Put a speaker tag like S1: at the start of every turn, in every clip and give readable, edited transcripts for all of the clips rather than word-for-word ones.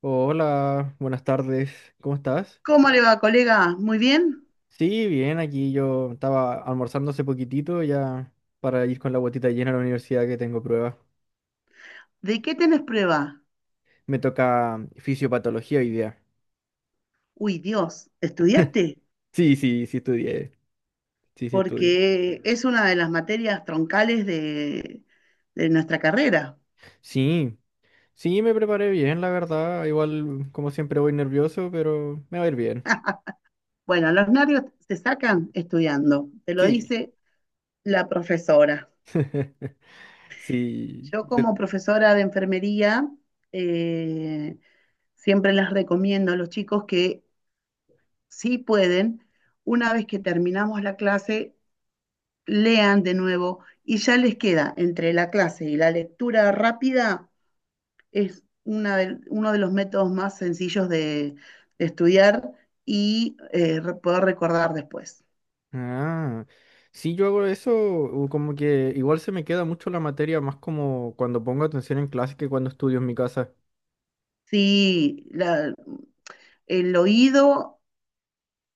S1: Hola, buenas tardes, ¿cómo estás?
S2: ¿Cómo le va, colega? ¿Muy bien?
S1: Sí, bien, aquí yo estaba almorzando hace poquitito ya para ir con la botita llena a la universidad que tengo pruebas.
S2: ¿De qué tenés prueba?
S1: Me toca fisiopatología hoy día.
S2: Uy, Dios, ¿estudiaste?
S1: Sí, sí, sí estudié, sí, sí estudié.
S2: Porque es una de las materias troncales de nuestra carrera.
S1: Sí, sí me preparé bien, la verdad. Igual, como siempre, voy nervioso, pero me va a ir bien.
S2: Bueno, los nervios se sacan estudiando, te lo
S1: Sí,
S2: dice la profesora.
S1: sí.
S2: Yo como profesora de enfermería, eh, siempre les recomiendo a los chicos que si pueden, una vez que terminamos la clase, lean de nuevo y ya les queda entre la clase y la lectura rápida, es uno de los métodos más sencillos de estudiar y poder recordar después.
S1: Ah, sí, yo hago eso, como que igual se me queda mucho la materia, más como cuando pongo atención en clase que cuando estudio en mi casa.
S2: Sí, el oído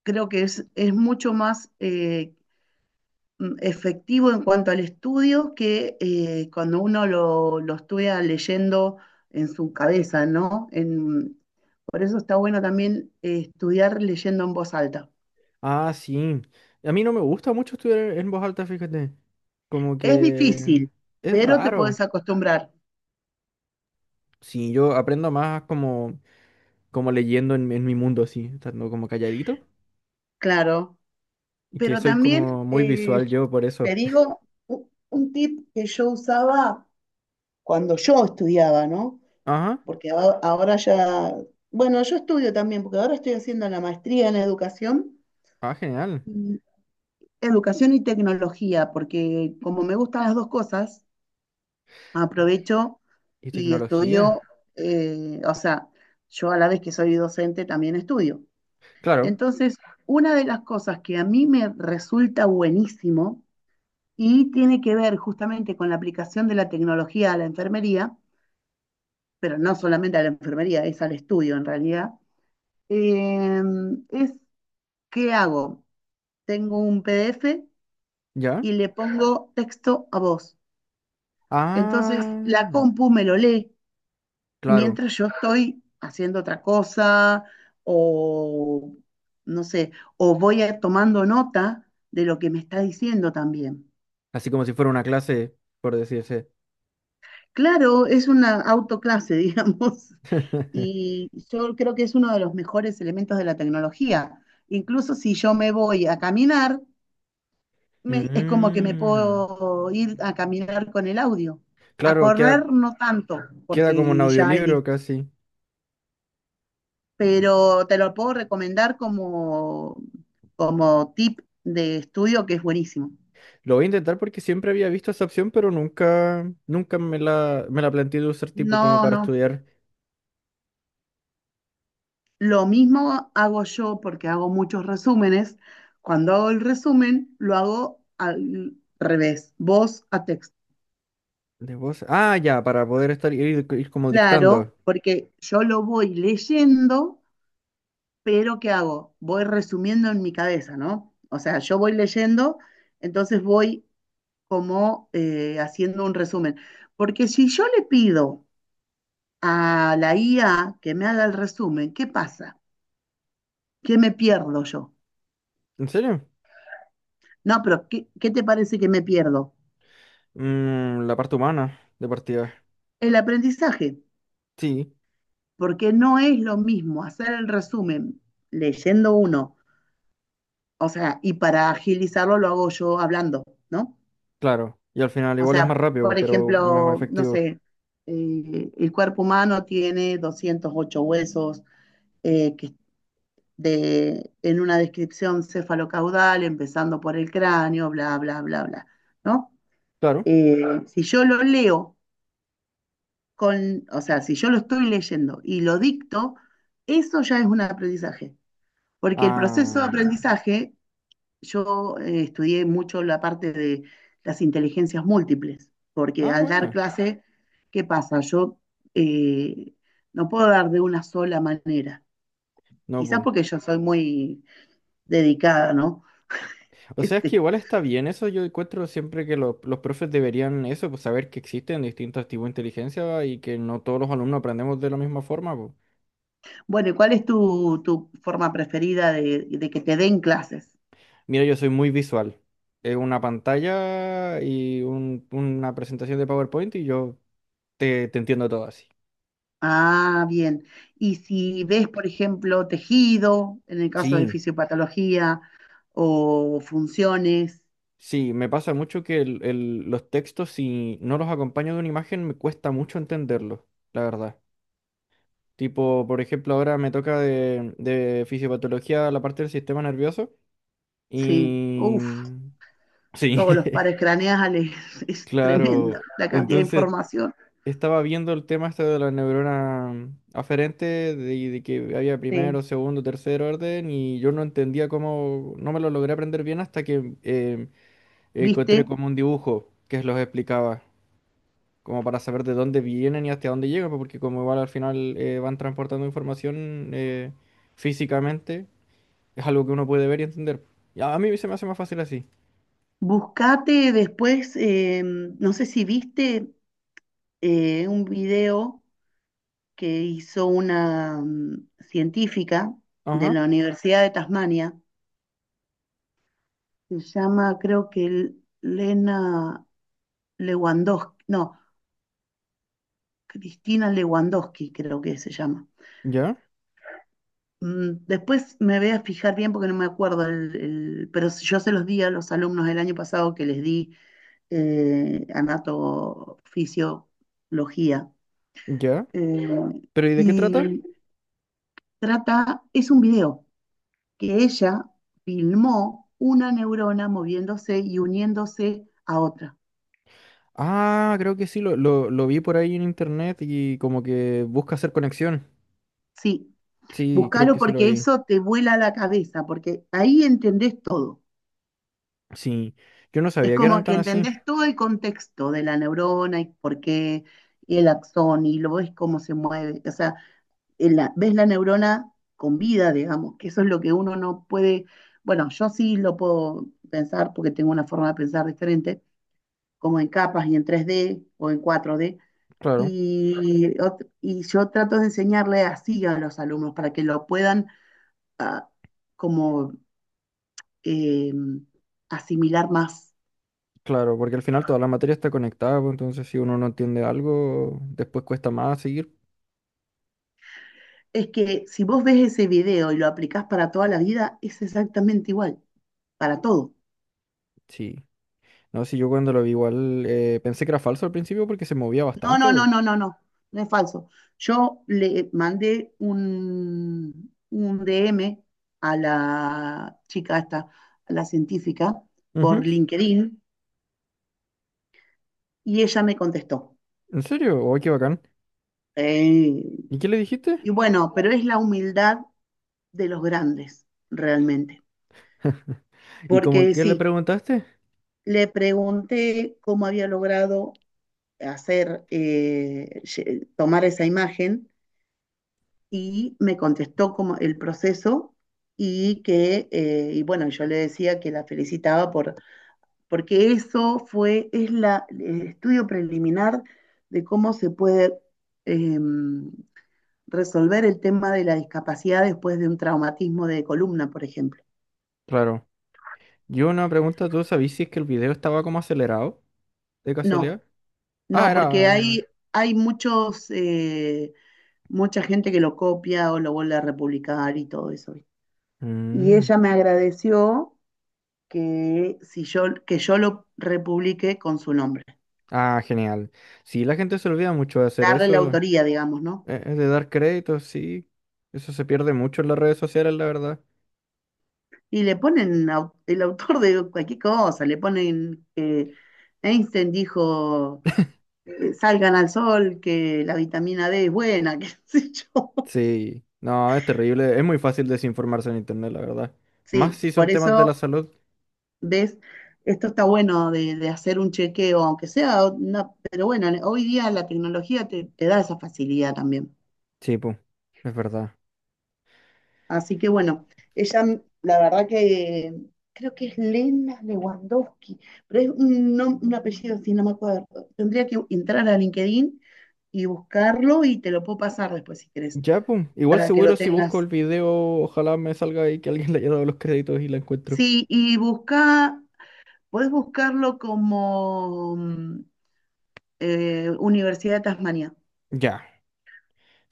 S2: creo que es mucho más efectivo en cuanto al estudio que cuando uno lo estudia leyendo en su cabeza, ¿no? Por eso está bueno también estudiar leyendo en voz alta.
S1: Ah, sí. A mí no me gusta mucho estudiar en voz alta, fíjate. Como
S2: Es
S1: que
S2: difícil,
S1: es
S2: pero te
S1: raro.
S2: puedes acostumbrar,
S1: Sí, yo aprendo más como leyendo en mi mundo, así, estando como calladito.
S2: claro.
S1: Y que
S2: Pero
S1: soy
S2: también
S1: como muy visual yo por eso.
S2: te digo un tip que yo usaba cuando yo estudiaba, ¿no?
S1: Ajá.
S2: Porque ahora ya, bueno, yo estudio también, porque ahora estoy haciendo la maestría en educación,
S1: Ah, genial.
S2: y- educación y tecnología, porque como me gustan las dos cosas,
S1: Ah,
S2: aprovecho
S1: ¿y
S2: y estudio,
S1: tecnología?
S2: o sea, yo a la vez que soy docente también estudio.
S1: Claro,
S2: Entonces, una de las cosas que a mí me resulta buenísimo y tiene que ver justamente con la aplicación de la tecnología a la enfermería, pero no solamente a la enfermería, es al estudio en realidad, eh, es qué hago. Tengo un PDF
S1: ¿ya?
S2: y le pongo texto a voz. Entonces, la
S1: Ah,
S2: compu me lo lee
S1: claro.
S2: mientras yo estoy haciendo otra cosa o no sé, o tomando nota de lo que me está diciendo también.
S1: Así como si fuera una clase, por decirse.
S2: Claro, es una autoclase, digamos, y yo creo que es uno de los mejores elementos de la tecnología. Incluso si yo me voy a caminar, es como que me
S1: Mm,
S2: puedo ir a caminar con el audio. A
S1: claro, queda,
S2: correr no tanto,
S1: queda como un
S2: porque ya es
S1: audiolibro casi.
S2: pero te lo puedo recomendar como, como tip de estudio que es buenísimo.
S1: Lo voy a intentar porque siempre había visto esa opción, pero nunca, nunca me la planteé de usar tipo como
S2: No,
S1: para
S2: no.
S1: estudiar
S2: Lo mismo hago yo porque hago muchos resúmenes. Cuando hago el resumen, lo hago al revés, voz a texto.
S1: de voz. Ah, ya, para poder ir como
S2: Claro,
S1: dictando.
S2: porque yo lo voy leyendo, pero ¿qué hago? Voy resumiendo en mi cabeza, ¿no? O sea, yo voy leyendo, entonces voy como haciendo un resumen. Porque si yo le pido a la IA que me haga el resumen, ¿qué pasa? ¿Qué me pierdo yo?
S1: ¿En serio?
S2: No, pero ¿qué, qué te parece que me pierdo?
S1: Mm, la parte humana de partida.
S2: El aprendizaje,
S1: Sí,
S2: porque no es lo mismo hacer el resumen leyendo uno, o sea, y para agilizarlo lo hago yo hablando, ¿no?
S1: claro. Y al final
S2: O
S1: igual es más
S2: sea,
S1: rápido,
S2: por
S1: pero más
S2: ejemplo, no
S1: efectivo.
S2: sé, el cuerpo humano tiene 208 huesos, que de, en una descripción cefalocaudal, empezando por el cráneo, bla, bla, bla, bla, ¿no?
S1: Claro.
S2: Si yo lo leo, con, o sea, si yo lo estoy leyendo y lo dicto, eso ya es un aprendizaje. Porque el proceso de
S1: Ah,
S2: aprendizaje, yo estudié mucho la parte de las inteligencias múltiples, porque
S1: ah,
S2: al dar
S1: bueno.
S2: clase, ¿qué pasa? Yo eh, no puedo dar de una sola manera.
S1: No,
S2: Quizás
S1: pues.
S2: porque yo soy muy dedicada, ¿no?
S1: O sea, es que
S2: Este,
S1: igual está bien eso. Yo encuentro siempre que los profes deberían eso, pues saber que existen distintos tipos de inteligencia y que no todos los alumnos aprendemos de la misma forma. Po.
S2: bueno, ¿cuál es tu forma preferida de que te den clases?
S1: Mira, yo soy muy visual. Es una pantalla y una presentación de PowerPoint y yo te entiendo todo así.
S2: Ah, bien. Y si ves, por ejemplo, tejido, en el caso de
S1: Sí,
S2: fisiopatología, o funciones,
S1: sí, me pasa mucho que los textos, si no los acompaño de una imagen, me cuesta mucho entenderlos, la verdad. Tipo, por ejemplo, ahora me toca de fisiopatología la parte del sistema nervioso.
S2: sí.
S1: Y
S2: Uf,
S1: sí,
S2: todos los pares craneales, es tremenda
S1: claro.
S2: la cantidad de
S1: Entonces
S2: información.
S1: estaba viendo el tema este de la neurona aferente, de que había
S2: Sí.
S1: primero, segundo, tercer orden, y yo no entendía cómo, no me lo logré aprender bien hasta que encontré
S2: ¿Viste?
S1: como un dibujo que los explicaba, como para saber de dónde vienen y hasta dónde llegan, pues, porque como igual al final van transportando información físicamente, es algo que uno puede ver y entender. Y a mí se me hace más fácil así.
S2: Buscate después, no sé si viste un video que hizo una científica de
S1: Ajá,
S2: la Universidad de Tasmania, se llama, creo que Lena Lewandowski, no, Cristina Lewandowski creo que se llama.
S1: ya,
S2: Después me voy a fijar bien porque no me acuerdo, pero yo se los di a los alumnos del año pasado que les di anatofisiología.
S1: ya.
S2: eh,
S1: ¿Pero y de qué trata?
S2: y trata, es un video que ella filmó una neurona moviéndose y uniéndose a otra.
S1: Ah, creo que sí, lo vi por ahí en internet y como que busca hacer conexión.
S2: Sí,
S1: Sí, creo
S2: búscalo
S1: que sí lo
S2: porque
S1: vi.
S2: eso te vuela la cabeza, porque ahí entendés todo.
S1: Sí, yo no
S2: Es
S1: sabía que
S2: como
S1: eran
S2: que
S1: tan así.
S2: entendés todo el contexto de la neurona y por qué, y el axón, y lo ves cómo se mueve. O sea, ves la neurona con vida, digamos, que eso es lo que uno no puede. Bueno, yo sí lo puedo pensar porque tengo una forma de pensar diferente, como en capas y en 3D o en 4D.
S1: Claro,
S2: Y, y yo trato de enseñarle así a los alumnos para que lo puedan ah, como eh, asimilar más.
S1: claro, porque al final toda la materia está conectada, pues, entonces si uno no entiende algo, después cuesta más seguir.
S2: Es que si vos ves ese video y lo aplicás para toda la vida, es exactamente igual, para todo.
S1: Sí, no, sí, yo cuando lo vi igual pensé que era falso al principio porque se movía
S2: No,
S1: bastante,
S2: no,
S1: güey.
S2: no, no, no, no, no es falso. Yo le mandé un DM a la chica esta, a la científica,
S1: Ujú.
S2: por LinkedIn, y ella me contestó.
S1: ¿En serio? ¡Oh, qué bacán!
S2: Eh,
S1: ¿Y qué le dijiste?
S2: y bueno, pero es la humildad de los grandes, realmente.
S1: ¿Y como
S2: Porque
S1: qué le
S2: sí,
S1: preguntaste?
S2: le pregunté cómo había logrado hacer, tomar esa imagen y me contestó como el proceso y que, y bueno, yo le decía que la felicitaba porque eso fue, es el estudio preliminar de cómo se puede eh, resolver el tema de la discapacidad después de un traumatismo de columna, por ejemplo.
S1: Claro. Yo una pregunta, ¿tú sabías si es que el video estaba como acelerado de
S2: No,
S1: casualidad? Ah,
S2: no, porque
S1: era…
S2: hay muchos, mucha gente que lo copia o lo vuelve a republicar y todo eso, ¿viste? Y
S1: Mm.
S2: ella me agradeció que, si yo, que yo lo republique con su nombre,
S1: Ah, genial. Sí, la gente se olvida mucho de hacer
S2: darle la
S1: eso,
S2: autoría, digamos, ¿no?
S1: de dar créditos, sí. Eso se pierde mucho en las redes sociales, la verdad.
S2: Y le ponen el autor de cualquier cosa, le ponen que Einstein dijo, salgan al sol, que la vitamina D es buena, qué sé yo.
S1: Sí, no, es terrible. Es muy fácil desinformarse en internet, la verdad. Más
S2: Sí,
S1: si son
S2: por
S1: temas de la
S2: eso,
S1: salud.
S2: ves, esto está bueno de hacer un chequeo, aunque sea, una- pero bueno, hoy día la tecnología te da esa facilidad también.
S1: Sí, pum, es verdad.
S2: Así que bueno, ella, la verdad que creo que es Lena Lewandowski, pero es un apellido así, no me acuerdo. Tendría que entrar a LinkedIn y buscarlo y te lo puedo pasar después si querés,
S1: Ya, pum. Igual
S2: para que lo
S1: seguro si busco el
S2: tengas.
S1: video, ojalá me salga ahí que alguien le haya dado los créditos y la encuentro.
S2: Sí, y busca, podés buscarlo como Universidad de Tasmania,
S1: Ya,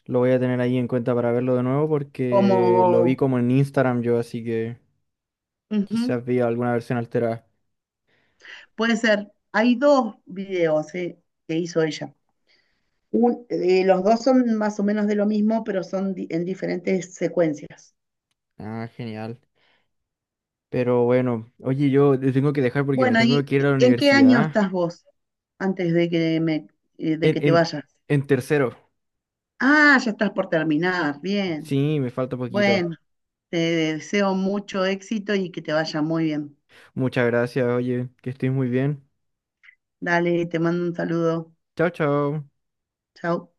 S1: lo voy a tener ahí en cuenta para verlo de nuevo porque lo vi
S2: como,
S1: como en Instagram yo, así que…
S2: ujú,
S1: Quizás vea alguna versión alterada.
S2: puede ser, hay dos videos que hizo ella. Eh, los dos son más o menos de lo mismo, pero son en diferentes secuencias.
S1: Ah, genial. Pero bueno, oye, yo te tengo que dejar porque me
S2: Bueno,
S1: tengo
S2: ¿y
S1: que ir a la
S2: en qué año
S1: universidad.
S2: estás vos antes de que me, de
S1: En,
S2: que te
S1: en,
S2: vayas?
S1: en tercero.
S2: Ah, ya estás por terminar. Bien.
S1: Sí, me falta poquito.
S2: Bueno, te deseo mucho éxito y que te vaya muy bien.
S1: Muchas gracias, oye, que estés muy bien.
S2: Dale, te mando un saludo.
S1: Chao, chao.
S2: Chao.